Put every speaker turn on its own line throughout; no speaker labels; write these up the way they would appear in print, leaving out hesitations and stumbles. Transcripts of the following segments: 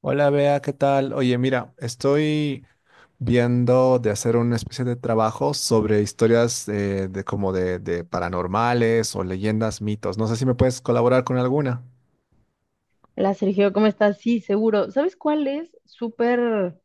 Hola, Bea, ¿qué tal? Oye, mira, estoy viendo de hacer una especie de trabajo sobre historias de paranormales o leyendas, mitos. No sé si me puedes colaborar con alguna.
La Sergio, ¿cómo estás? Sí, seguro. ¿Sabes cuál es? Súper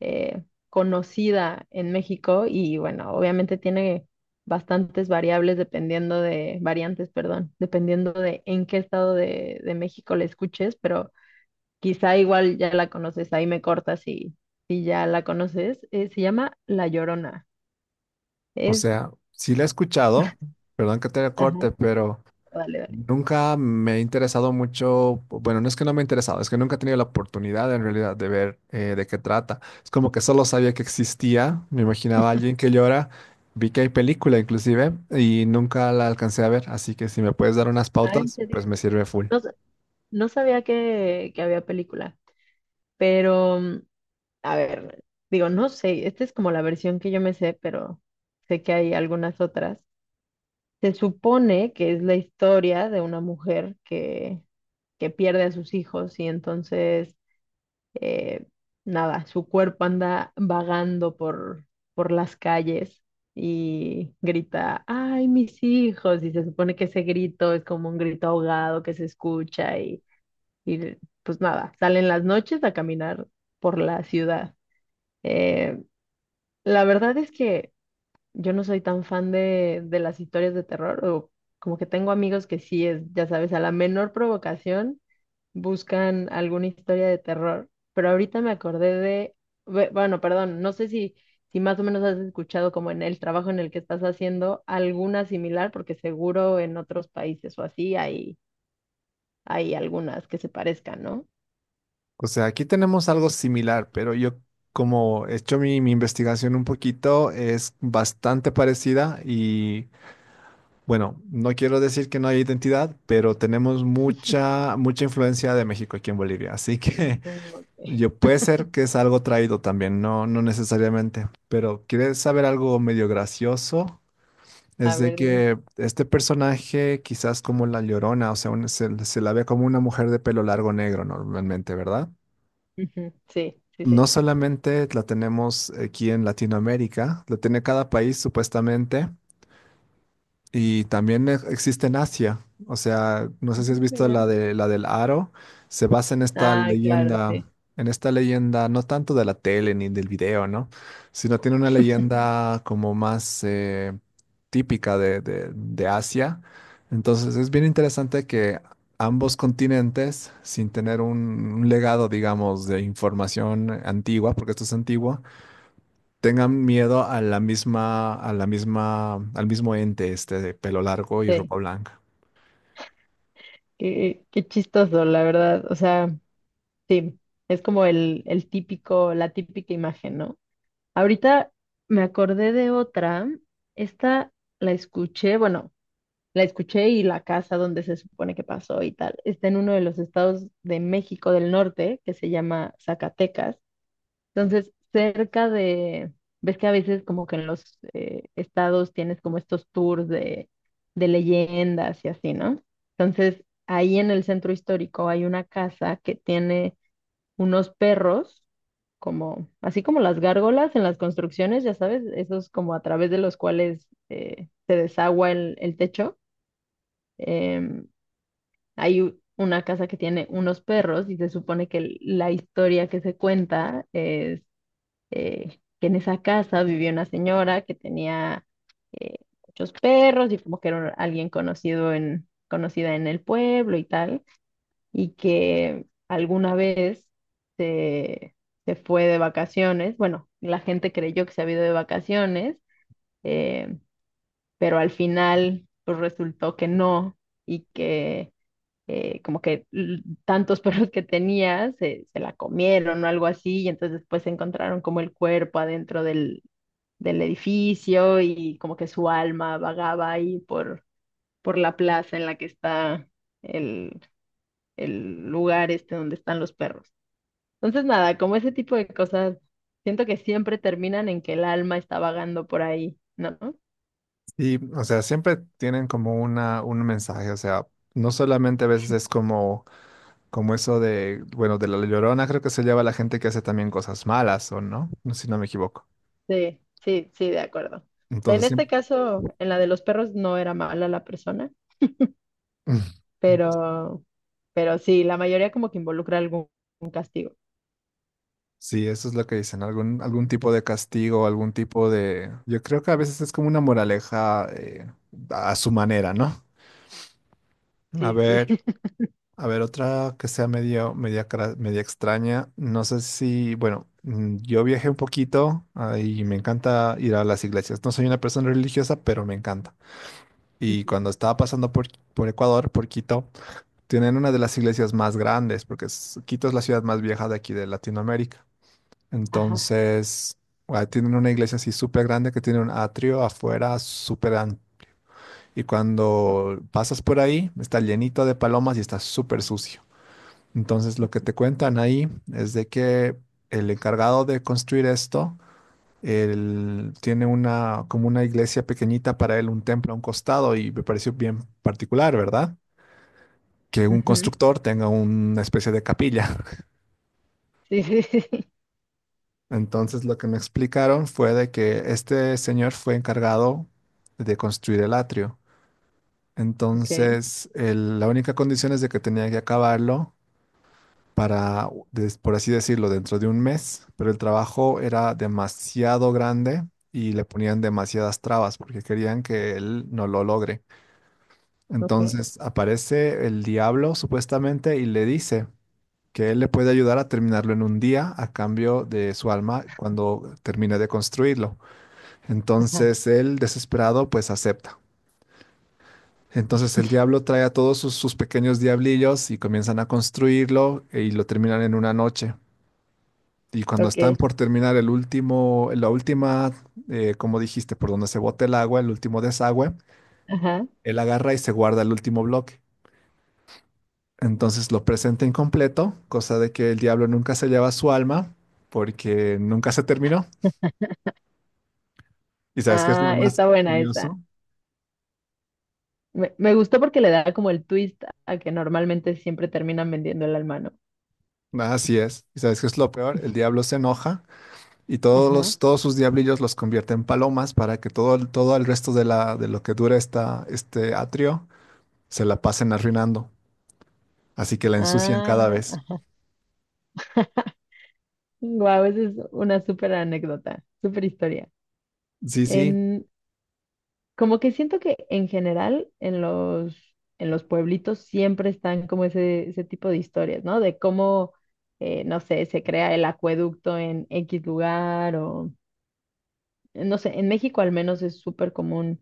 eh, conocida en México y bueno, obviamente tiene bastantes variables variantes, perdón, dependiendo de en qué estado de México la escuches, pero quizá igual ya la conoces, ahí me cortas si ya la conoces. Se llama La Llorona.
O
Es,
sea, sí la he escuchado, perdón que te corte,
ajá,
pero
dale, dale.
nunca me ha interesado mucho. Bueno, no es que no me ha interesado, es que nunca he tenido la oportunidad en realidad de ver de qué trata. Es como que solo sabía que existía, me imaginaba a alguien que llora, vi que hay película inclusive y nunca la alcancé a ver, así que si me puedes dar unas
Ah, ¿en
pautas,
serio?
pues me sirve full.
No, no sabía que había película, pero... a ver, digo, no sé, esta es como la versión que yo me sé, pero sé que hay algunas otras. Se supone que es la historia de una que pierde a sus hijos y entonces, eh, nada, su cuerpo anda vagando por las calles y grita, ¡ay, mis hijos! Y se supone que ese grito es como un grito ahogado que se escucha y pues nada, salen las noches a caminar por la ciudad. Eh, La verdad es que yo no soy tan fan de las historias de terror, o como que tengo amigos que sí es, ya sabes, a la menor provocación buscan alguna historia de terror, pero ahorita me acordé de, bueno, perdón, no sé si más o menos has escuchado como en el trabajo en el que estás haciendo alguna similar, porque seguro en otros países o así hay, hay algunas que se parezcan, ¿no?
O sea, aquí tenemos algo similar, pero yo como he hecho mi investigación un poquito, es bastante parecida. Y bueno, no quiero decir que no hay identidad, pero tenemos mucha, mucha influencia de México aquí en Bolivia. Así que
Mm, ok.
yo puede ser que es algo traído también, no, no necesariamente. Pero ¿quieres saber algo medio gracioso?
A
Es de
ver, dime.
que este personaje, quizás como la Llorona, o sea, se la ve como una mujer de pelo largo negro normalmente, ¿verdad?
Ujú, sí, sí,
No
sí.
solamente la tenemos aquí en Latinoamérica, la tiene cada país supuestamente. Y también existe en Asia. O sea, no sé si has visto
Mira.
la de la del aro. Se basa en esta
Ah, claro, sí,
leyenda, no tanto de la tele ni del video, ¿no? Sino tiene una leyenda como más típica de Asia. Entonces es bien interesante que ambos continentes, sin tener un legado, digamos, de información antigua, porque esto es antiguo, tengan miedo a a la misma, al mismo ente este de pelo largo y
sí.
ropa blanca.
Qué, qué chistoso, la verdad. O sea, sí, es como el típico, la típica imagen, ¿no? Ahorita me acordé de otra. Esta la escuché, bueno, la escuché y la casa donde se supone que pasó y tal. Está en uno de los estados de México del Norte, que se llama Zacatecas. Entonces, cerca de, ves que a veces como que en los estados tienes como estos tours de leyendas y así, ¿no? Entonces, ahí en el centro histórico hay una casa que tiene unos perros, como, así como las gárgolas en las construcciones, ya sabes, esos como a través de los cuales se desagua el techo. Em, Hay una casa que tiene unos perros y se supone que la historia que se cuenta es que en esa casa vivía una señora que tenía eh, muchos perros y como que era alguien conocida en el pueblo y tal, y que alguna vez se, se fue de vacaciones, bueno, la gente creyó que se había ido de vacaciones, eh, pero al final pues resultó que no y que... como que tantos perros que tenía se, se la comieron o algo así, y entonces después encontraron como el cuerpo adentro del edificio y como que su alma vagaba ahí por la plaza en la que está el, el lugar este donde están los perros. Entonces, nada, como ese tipo de cosas, siento que siempre terminan en que el alma está vagando por ahí, ¿no?
Y, o sea, siempre tienen como un mensaje. O sea, no solamente a veces es como eso de, bueno, de la Llorona creo que se lleva a la gente que hace también cosas malas, ¿o no? No sé si no me equivoco.
Sí, sí, sí, de acuerdo. En
Entonces, sí,
este caso, en la de los perros no era mala la persona, pero, pero sí, la mayoría como que involucra algún algún castigo.
sí, eso es lo que dicen, algún tipo de castigo, algún tipo de, yo creo que a veces es como una moraleja a su manera, ¿no? A
Sí, sí.
ver. A ver, otra que sea media extraña. No sé si, bueno, mm, yo viajé un poquito ah, y me encanta ir a las iglesias. No soy una persona religiosa, pero me encanta. Y cuando estaba pasando por Ecuador, por Quito, tienen una de las iglesias más grandes, porque Quito es la ciudad más vieja de aquí de Latinoamérica.
Ajá.
Entonces, ah, tienen una iglesia así súper grande que tiene un atrio afuera súper amplio. Y cuando pasas por ahí, está llenito de palomas y está súper sucio. Entonces lo que te cuentan ahí es de que el encargado de construir esto, él tiene una como una iglesia pequeñita para él, un templo a un costado y me pareció bien particular, ¿verdad? Que un
Ujú.
constructor tenga una especie de capilla.
Sí, sí, sí.
Entonces lo que me explicaron fue de que este señor fue encargado de construir el atrio.
Ok.
Entonces la única condición es de que tenía que acabarlo para, por así decirlo, dentro de un mes, pero el trabajo era demasiado grande y le ponían demasiadas trabas porque querían que él no lo logre.
Ok,
Entonces aparece el diablo supuestamente y le dice que él le puede ayudar a terminarlo en un día a cambio de su alma cuando termine de construirlo.
ajá,
Entonces él, desesperado, pues acepta. Entonces el diablo trae a todos sus pequeños diablillos y comienzan a construirlo y lo terminan en una noche. Y cuando
ok,
están por terminar la última, como dijiste, por donde se bota el agua, el último desagüe,
ajá.
él agarra y se guarda el último bloque. Entonces lo presenta incompleto, cosa de que el diablo nunca se lleva su alma porque nunca se terminó. ¿Y sabes qué es lo
Ah,
más
está buena esa.
curioso?
Me gustó porque le da como el twist a que normalmente siempre terminan vendiendo el alma, ¿no?
Así es. ¿Y sabes qué es lo peor? El diablo se enoja y
Ajá.
todos sus diablillos los convierte en palomas para que todo el resto de de lo que dura este atrio se la pasen arruinando. Así que la ensucian cada vez.
Ah, wow, esa es una súper anécdota, súper historia.
Sí, sí,
En, como que siento que en general en los pueblitos siempre están como ese tipo de historias, ¿no? De cómo, no sé, se crea el acueducto en X lugar o, no sé, en México al menos es súper común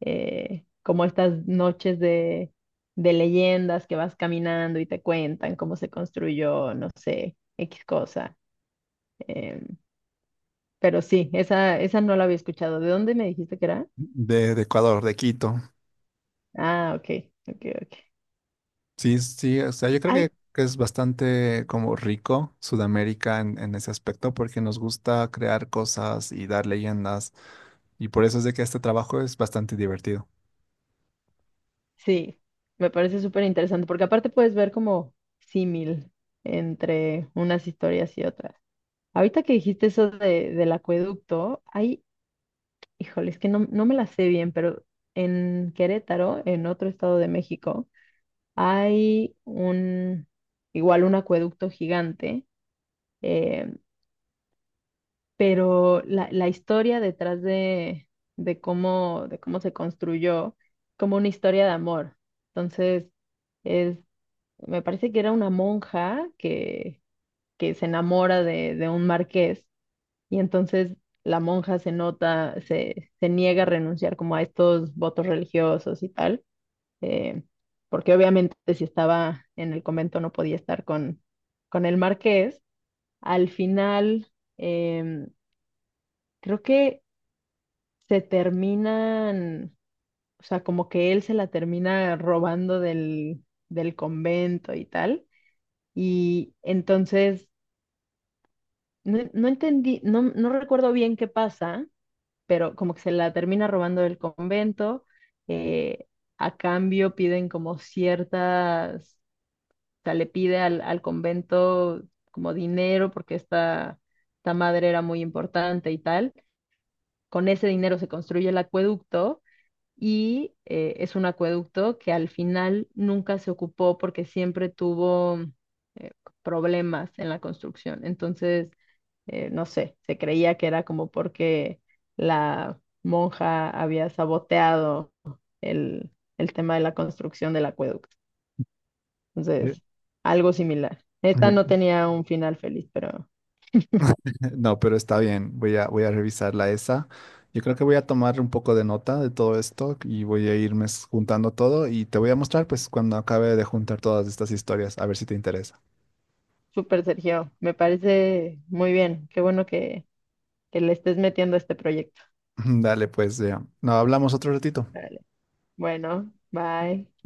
como estas noches de leyendas que vas caminando y te cuentan cómo se construyó, no sé, X cosa. Em, pero sí, esa no la había escuchado. ¿De dónde me dijiste que era?
de Ecuador, de Quito.
Ah, ok, ok, ok.
Sí, sí, o sea,
Sí,
yo creo
ay,
que es bastante como rico Sudamérica en ese aspecto porque nos gusta crear cosas y dar leyendas y por eso es de que este trabajo es bastante divertido.
sí, me parece súper interesante porque aparte puedes ver como símil entre unas historias y otras. Ahorita que dijiste eso de, del acueducto, ay, híjole, es que no, no me la sé bien, pero en Querétaro, en otro estado de México, hay un, igual un acueducto gigante, eh, pero la historia detrás de cómo se construyó, como una historia de amor. Entonces, es, me parece que era una que se enamora de un marqués y entonces la monja se nota, se niega a renunciar como a estos votos religiosos y tal eh, porque obviamente si estaba en el convento no podía estar con el marqués. Al final, em, creo que se terminan, o sea, como que él se la termina robando del convento y tal. Y entonces, no, no entendí, no, no recuerdo bien qué pasa, pero como que se la termina robando del convento. eh, a cambio piden como ciertas o sea, le pide al convento como dinero porque esta madre era muy importante y tal. Con ese dinero se construye el acueducto y es un acueducto que al final nunca se ocupó porque siempre tuvo eh, problemas en la construcción. Entonces, no sé, se creía que era como porque la monja había saboteado el, el tema de la construcción del acueducto.
Eh,
Entonces, algo similar. Esta
Yo,
no tenía un final feliz, pero
no, pero está bien. Voy a, voy a revisarla esa. Yo creo que voy a tomar un poco de nota de todo esto y voy a irme juntando todo y te voy a mostrar pues cuando acabe de juntar todas estas historias, a ver si te interesa.
súper Sergio, me parece muy bien. Qué bueno que le estés metiendo a este proyecto.
Dale, pues ya. No, hablamos otro ratito.
Vale. Bueno, bye.